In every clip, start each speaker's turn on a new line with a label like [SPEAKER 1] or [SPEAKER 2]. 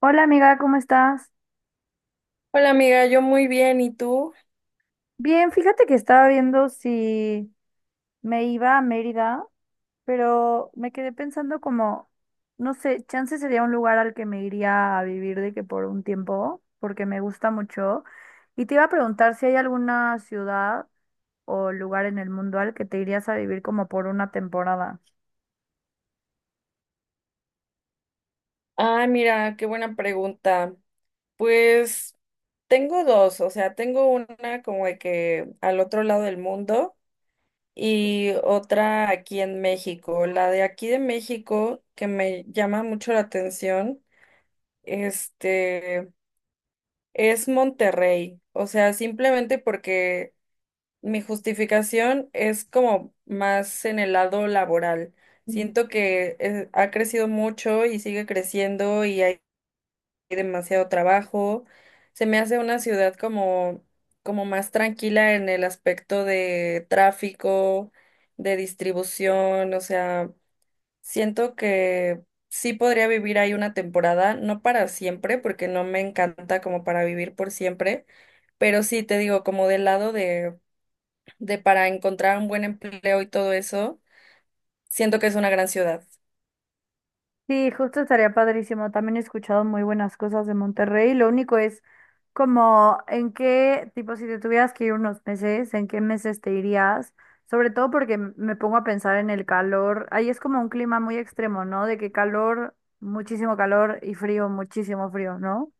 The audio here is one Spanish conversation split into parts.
[SPEAKER 1] Hola amiga, ¿cómo estás?
[SPEAKER 2] Hola amiga, yo muy bien, ¿y tú?
[SPEAKER 1] Bien, fíjate que estaba viendo si me iba a Mérida, pero me quedé pensando como, no sé, chance sería un lugar al que me iría a vivir de que por un tiempo, porque me gusta mucho. Y te iba a preguntar si hay alguna ciudad o lugar en el mundo al que te irías a vivir como por una temporada.
[SPEAKER 2] Ah, mira, qué buena pregunta. Pues tengo dos, o sea, tengo una como de que al otro lado del mundo y otra aquí en México. La de aquí de México, que me llama mucho la atención, este, es Monterrey. O sea, simplemente porque mi justificación es como más en el lado laboral.
[SPEAKER 1] Ujú.
[SPEAKER 2] Siento que ha crecido mucho y sigue creciendo y hay demasiado trabajo. Se me hace una ciudad como, como más tranquila en el aspecto de tráfico, de distribución. O sea, siento que sí podría vivir ahí una temporada, no para siempre, porque no me encanta como para vivir por siempre, pero sí te digo, como del lado de para encontrar un buen empleo y todo eso, siento que es una gran ciudad.
[SPEAKER 1] Sí, justo estaría padrísimo. También he escuchado muy buenas cosas de Monterrey. Lo único es como, ¿en qué, tipo, si te tuvieras que ir unos meses, en qué meses te irías? Sobre todo porque me pongo a pensar en el calor. Ahí es como un clima muy extremo, ¿no? De que calor, muchísimo calor y frío, muchísimo frío, ¿no?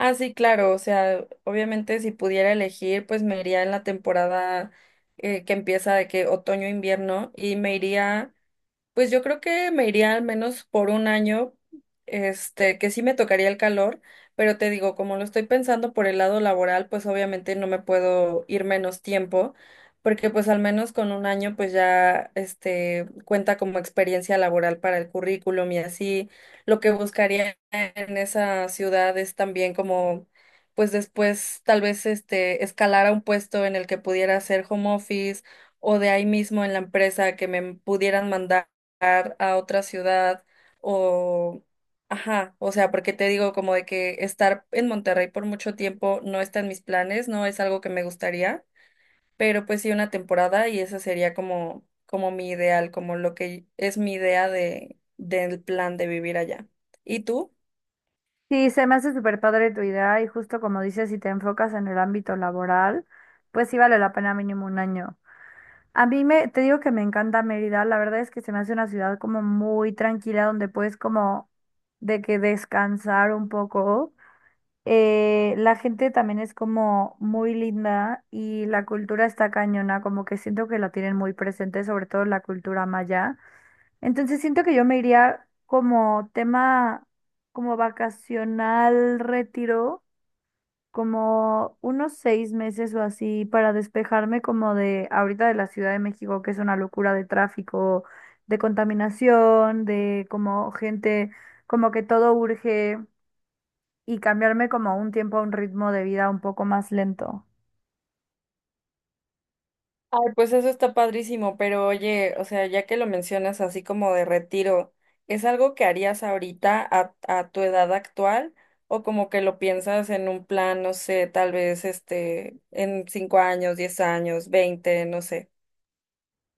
[SPEAKER 2] Ah, sí, claro, o sea, obviamente si pudiera elegir, pues me iría en la temporada que empieza de que otoño-invierno y me iría. Pues yo creo que me iría al menos por un año, que sí me tocaría el calor, pero te digo, como lo estoy pensando por el lado laboral, pues obviamente no me puedo ir menos tiempo, porque pues al menos con un año pues ya, cuenta como experiencia laboral para el currículum y así. Lo que buscaría en esa ciudad es también como, pues después tal vez, escalar a un puesto en el que pudiera hacer home office o de ahí mismo en la empresa que me pudieran mandar a otra ciudad o, ajá, o sea, porque te digo como de que estar en Monterrey por mucho tiempo no está en mis planes, no es algo que me gustaría, pero pues sí una temporada y ese sería como, como mi ideal, como lo que es mi idea de, del plan de vivir allá. ¿Y tú?
[SPEAKER 1] Sí, se me hace súper padre tu idea y justo como dices, si te enfocas en el ámbito laboral, pues sí vale la pena mínimo 1 año. A mí me, te digo que me encanta Mérida, la verdad es que se me hace una ciudad como muy tranquila donde puedes como de que descansar un poco. La gente también es como muy linda y la cultura está cañona, como que siento que la tienen muy presente, sobre todo la cultura maya. Entonces siento que yo me iría como tema, como vacacional, retiro, como unos 6 meses o así para despejarme como de ahorita de la Ciudad de México, que es una locura de tráfico, de contaminación, de como gente, como que todo urge y cambiarme como a un tiempo, a un ritmo de vida un poco más lento.
[SPEAKER 2] Ay, pues eso está padrísimo, pero oye, o sea, ya que lo mencionas así como de retiro, ¿es algo que harías ahorita a tu edad actual o como que lo piensas en un plan, no sé, tal vez en 5 años, 10 años, 20, no sé?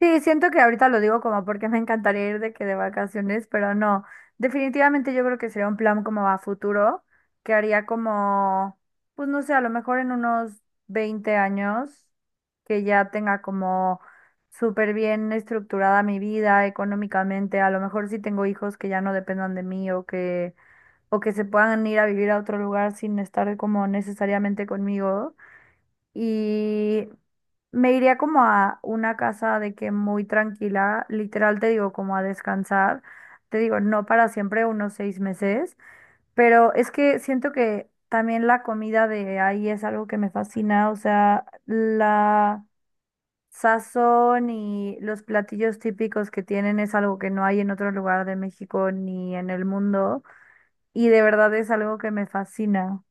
[SPEAKER 1] Sí, siento que ahorita lo digo como porque me encantaría ir de que de vacaciones, pero no. Definitivamente yo creo que sería un plan como a futuro, que haría como, pues no sé, a lo mejor en unos 20 años, que ya tenga como súper bien estructurada mi vida económicamente, a lo mejor si tengo hijos que ya no dependan de mí o que se puedan ir a vivir a otro lugar sin estar como necesariamente conmigo, y me iría como a una casa de que muy tranquila, literal te digo, como a descansar, te digo, no para siempre, unos 6 meses, pero es que siento que también la comida de ahí es algo que me fascina, o sea, la sazón y los platillos típicos que tienen es algo que no hay en otro lugar de México ni en el mundo, y de verdad es algo que me fascina.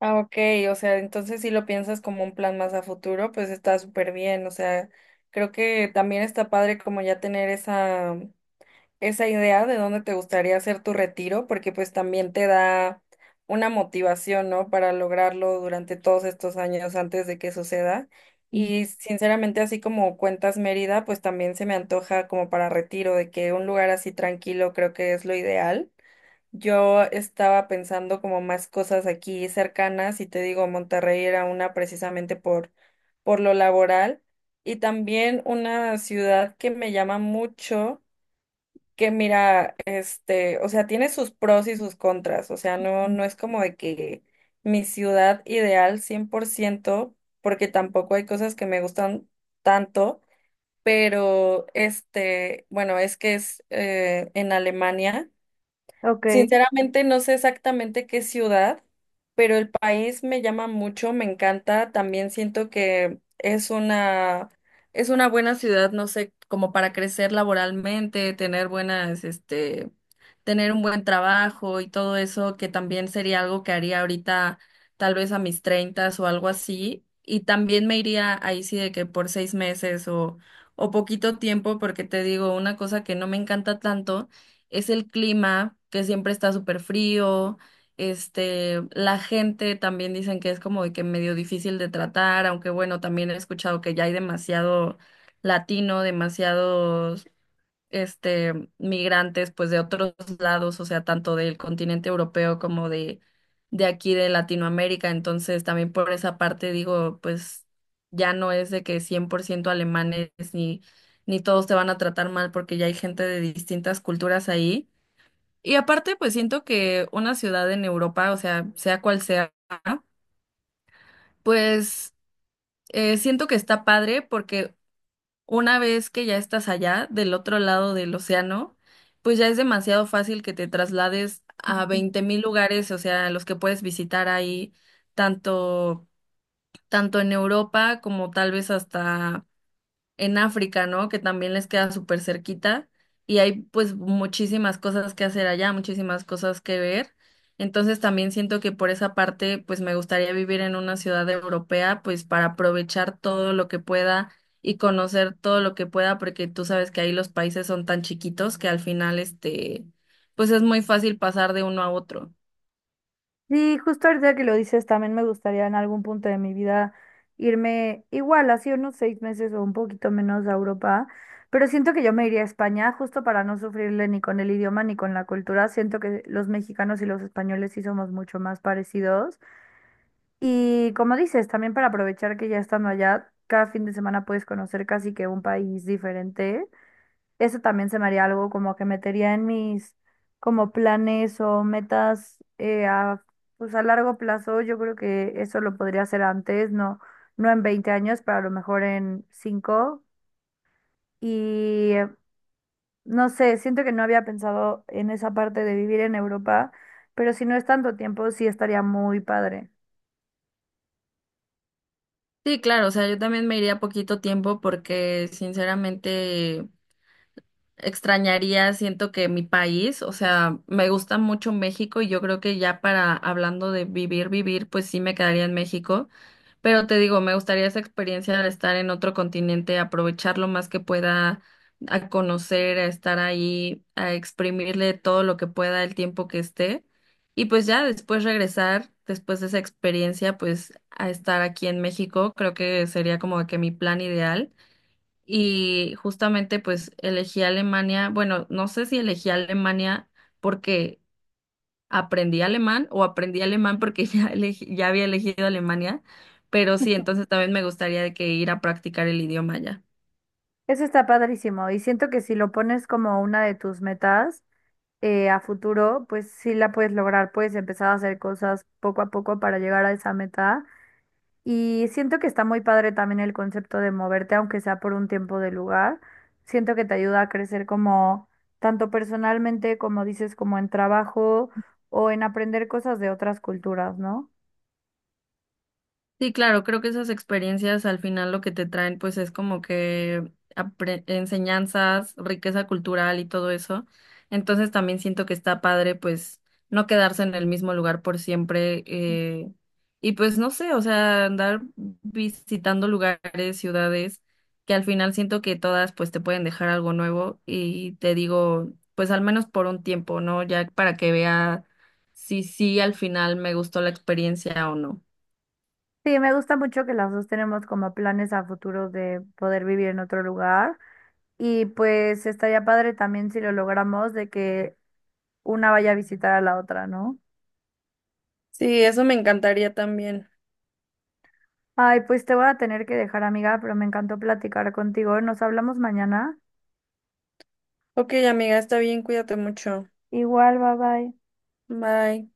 [SPEAKER 2] Ah, ok, o sea, entonces si lo piensas como un plan más a futuro, pues está súper bien, o sea, creo que también está padre como ya tener esa idea de dónde te gustaría hacer tu retiro, porque pues también te da una motivación, ¿no? Para lograrlo durante todos estos años antes de que suceda.
[SPEAKER 1] Ujú.
[SPEAKER 2] Y sinceramente, así como cuentas Mérida, pues también se me antoja como para retiro, de que un lugar así tranquilo creo que es lo ideal. Yo estaba pensando como más cosas aquí cercanas y te digo, Monterrey era una precisamente por lo laboral y también una ciudad que me llama mucho que mira, o sea, tiene sus pros y sus contras, o sea, no, no es como de que mi ciudad ideal 100% porque tampoco hay cosas que me gustan tanto, pero bueno, es que es en Alemania.
[SPEAKER 1] Ok.
[SPEAKER 2] Sinceramente no sé exactamente qué ciudad, pero el país me llama mucho, me encanta. También siento que es una buena ciudad, no sé, como para crecer laboralmente, tener buenas, tener un buen trabajo y todo eso, que también sería algo que haría ahorita, tal vez a mis treintas o algo así. Y también me iría ahí sí de que por 6 meses o poquito tiempo, porque te digo, una cosa que no me encanta tanto es el clima, que siempre está súper frío, la gente también dicen que es como de que medio difícil de tratar, aunque bueno, también he escuchado que ya hay demasiado latino, demasiados, migrantes, pues de otros lados, o sea, tanto del continente europeo como de aquí de Latinoamérica, entonces también por esa parte digo, pues ya no es de que 100% alemanes ni... Ni todos te van a tratar mal porque ya hay gente de distintas culturas ahí. Y aparte, pues siento que una ciudad en Europa, o sea, sea cual sea, ¿no? Pues siento que está padre porque una vez que ya estás allá, del otro lado del océano, pues ya es demasiado fácil que te traslades a 20.000 lugares, o sea, los que puedes visitar ahí, tanto, tanto en Europa como tal vez hasta en África, ¿no? Que también les queda súper cerquita y hay pues muchísimas cosas que hacer allá, muchísimas cosas que ver. Entonces también siento que por esa parte pues me gustaría vivir en una ciudad europea pues para aprovechar todo lo que pueda y conocer todo lo que pueda porque tú sabes que ahí los países son tan chiquitos que al final pues es muy fácil pasar de uno a otro.
[SPEAKER 1] Sí, justo ahorita que lo dices, también me gustaría en algún punto de mi vida irme igual, así unos 6 meses o un poquito menos a Europa, pero siento que yo me iría a España justo para no sufrirle ni con el idioma ni con la cultura. Siento que los mexicanos y los españoles sí somos mucho más parecidos. Y como dices, también para aprovechar que ya estando allá, cada fin de semana puedes conocer casi que un país diferente. Eso también se me haría algo como que metería en mis como planes o metas pues a largo plazo. Yo creo que eso lo podría hacer antes, no, no en 20 años, pero a lo mejor en 5. Y no sé, siento que no había pensado en esa parte de vivir en Europa, pero si no es tanto tiempo, sí estaría muy padre.
[SPEAKER 2] Sí, claro, o sea, yo también me iría poquito tiempo porque sinceramente extrañaría, siento que mi país, o sea, me gusta mucho México y yo creo que ya para hablando de vivir, vivir, pues sí me quedaría en México, pero te digo, me gustaría esa experiencia de estar en otro continente, aprovechar lo más que pueda, a conocer, a estar ahí, a exprimirle todo lo que pueda el tiempo que esté y pues ya después regresar. Después de esa experiencia, pues a estar aquí en México, creo que sería como que mi plan ideal y justamente pues elegí Alemania, bueno, no sé si elegí Alemania porque aprendí alemán o aprendí alemán porque ya había elegido Alemania, pero sí, entonces también me gustaría de que ir a practicar el idioma allá.
[SPEAKER 1] Eso está padrísimo y siento que si lo pones como una de tus metas, a futuro, pues sí la puedes lograr, puedes empezar a hacer cosas poco a poco para llegar a esa meta. Y siento que está muy padre también el concepto de moverte, aunque sea por un tiempo de lugar. Siento que te ayuda a crecer como tanto personalmente, como dices, como en trabajo o en aprender cosas de otras culturas, ¿no?
[SPEAKER 2] Sí, claro, creo que esas experiencias al final lo que te traen pues es como que enseñanzas, riqueza cultural y todo eso. Entonces también siento que está padre pues no quedarse en el mismo lugar por siempre y pues no sé, o sea, andar visitando lugares, ciudades que al final siento que todas pues te pueden dejar algo nuevo y te digo pues al menos por un tiempo, ¿no? Ya para que vea si sí al final me gustó la experiencia o no.
[SPEAKER 1] Sí, me gusta mucho que las dos tenemos como planes a futuro de poder vivir en otro lugar. Y pues estaría padre también si lo logramos de que una vaya a visitar a la otra, ¿no?
[SPEAKER 2] Sí, eso me encantaría también.
[SPEAKER 1] Ay, pues te voy a tener que dejar, amiga, pero me encantó platicar contigo, ¿eh? Nos hablamos mañana.
[SPEAKER 2] Ok, amiga, está bien, cuídate mucho.
[SPEAKER 1] Igual, bye bye.
[SPEAKER 2] Bye.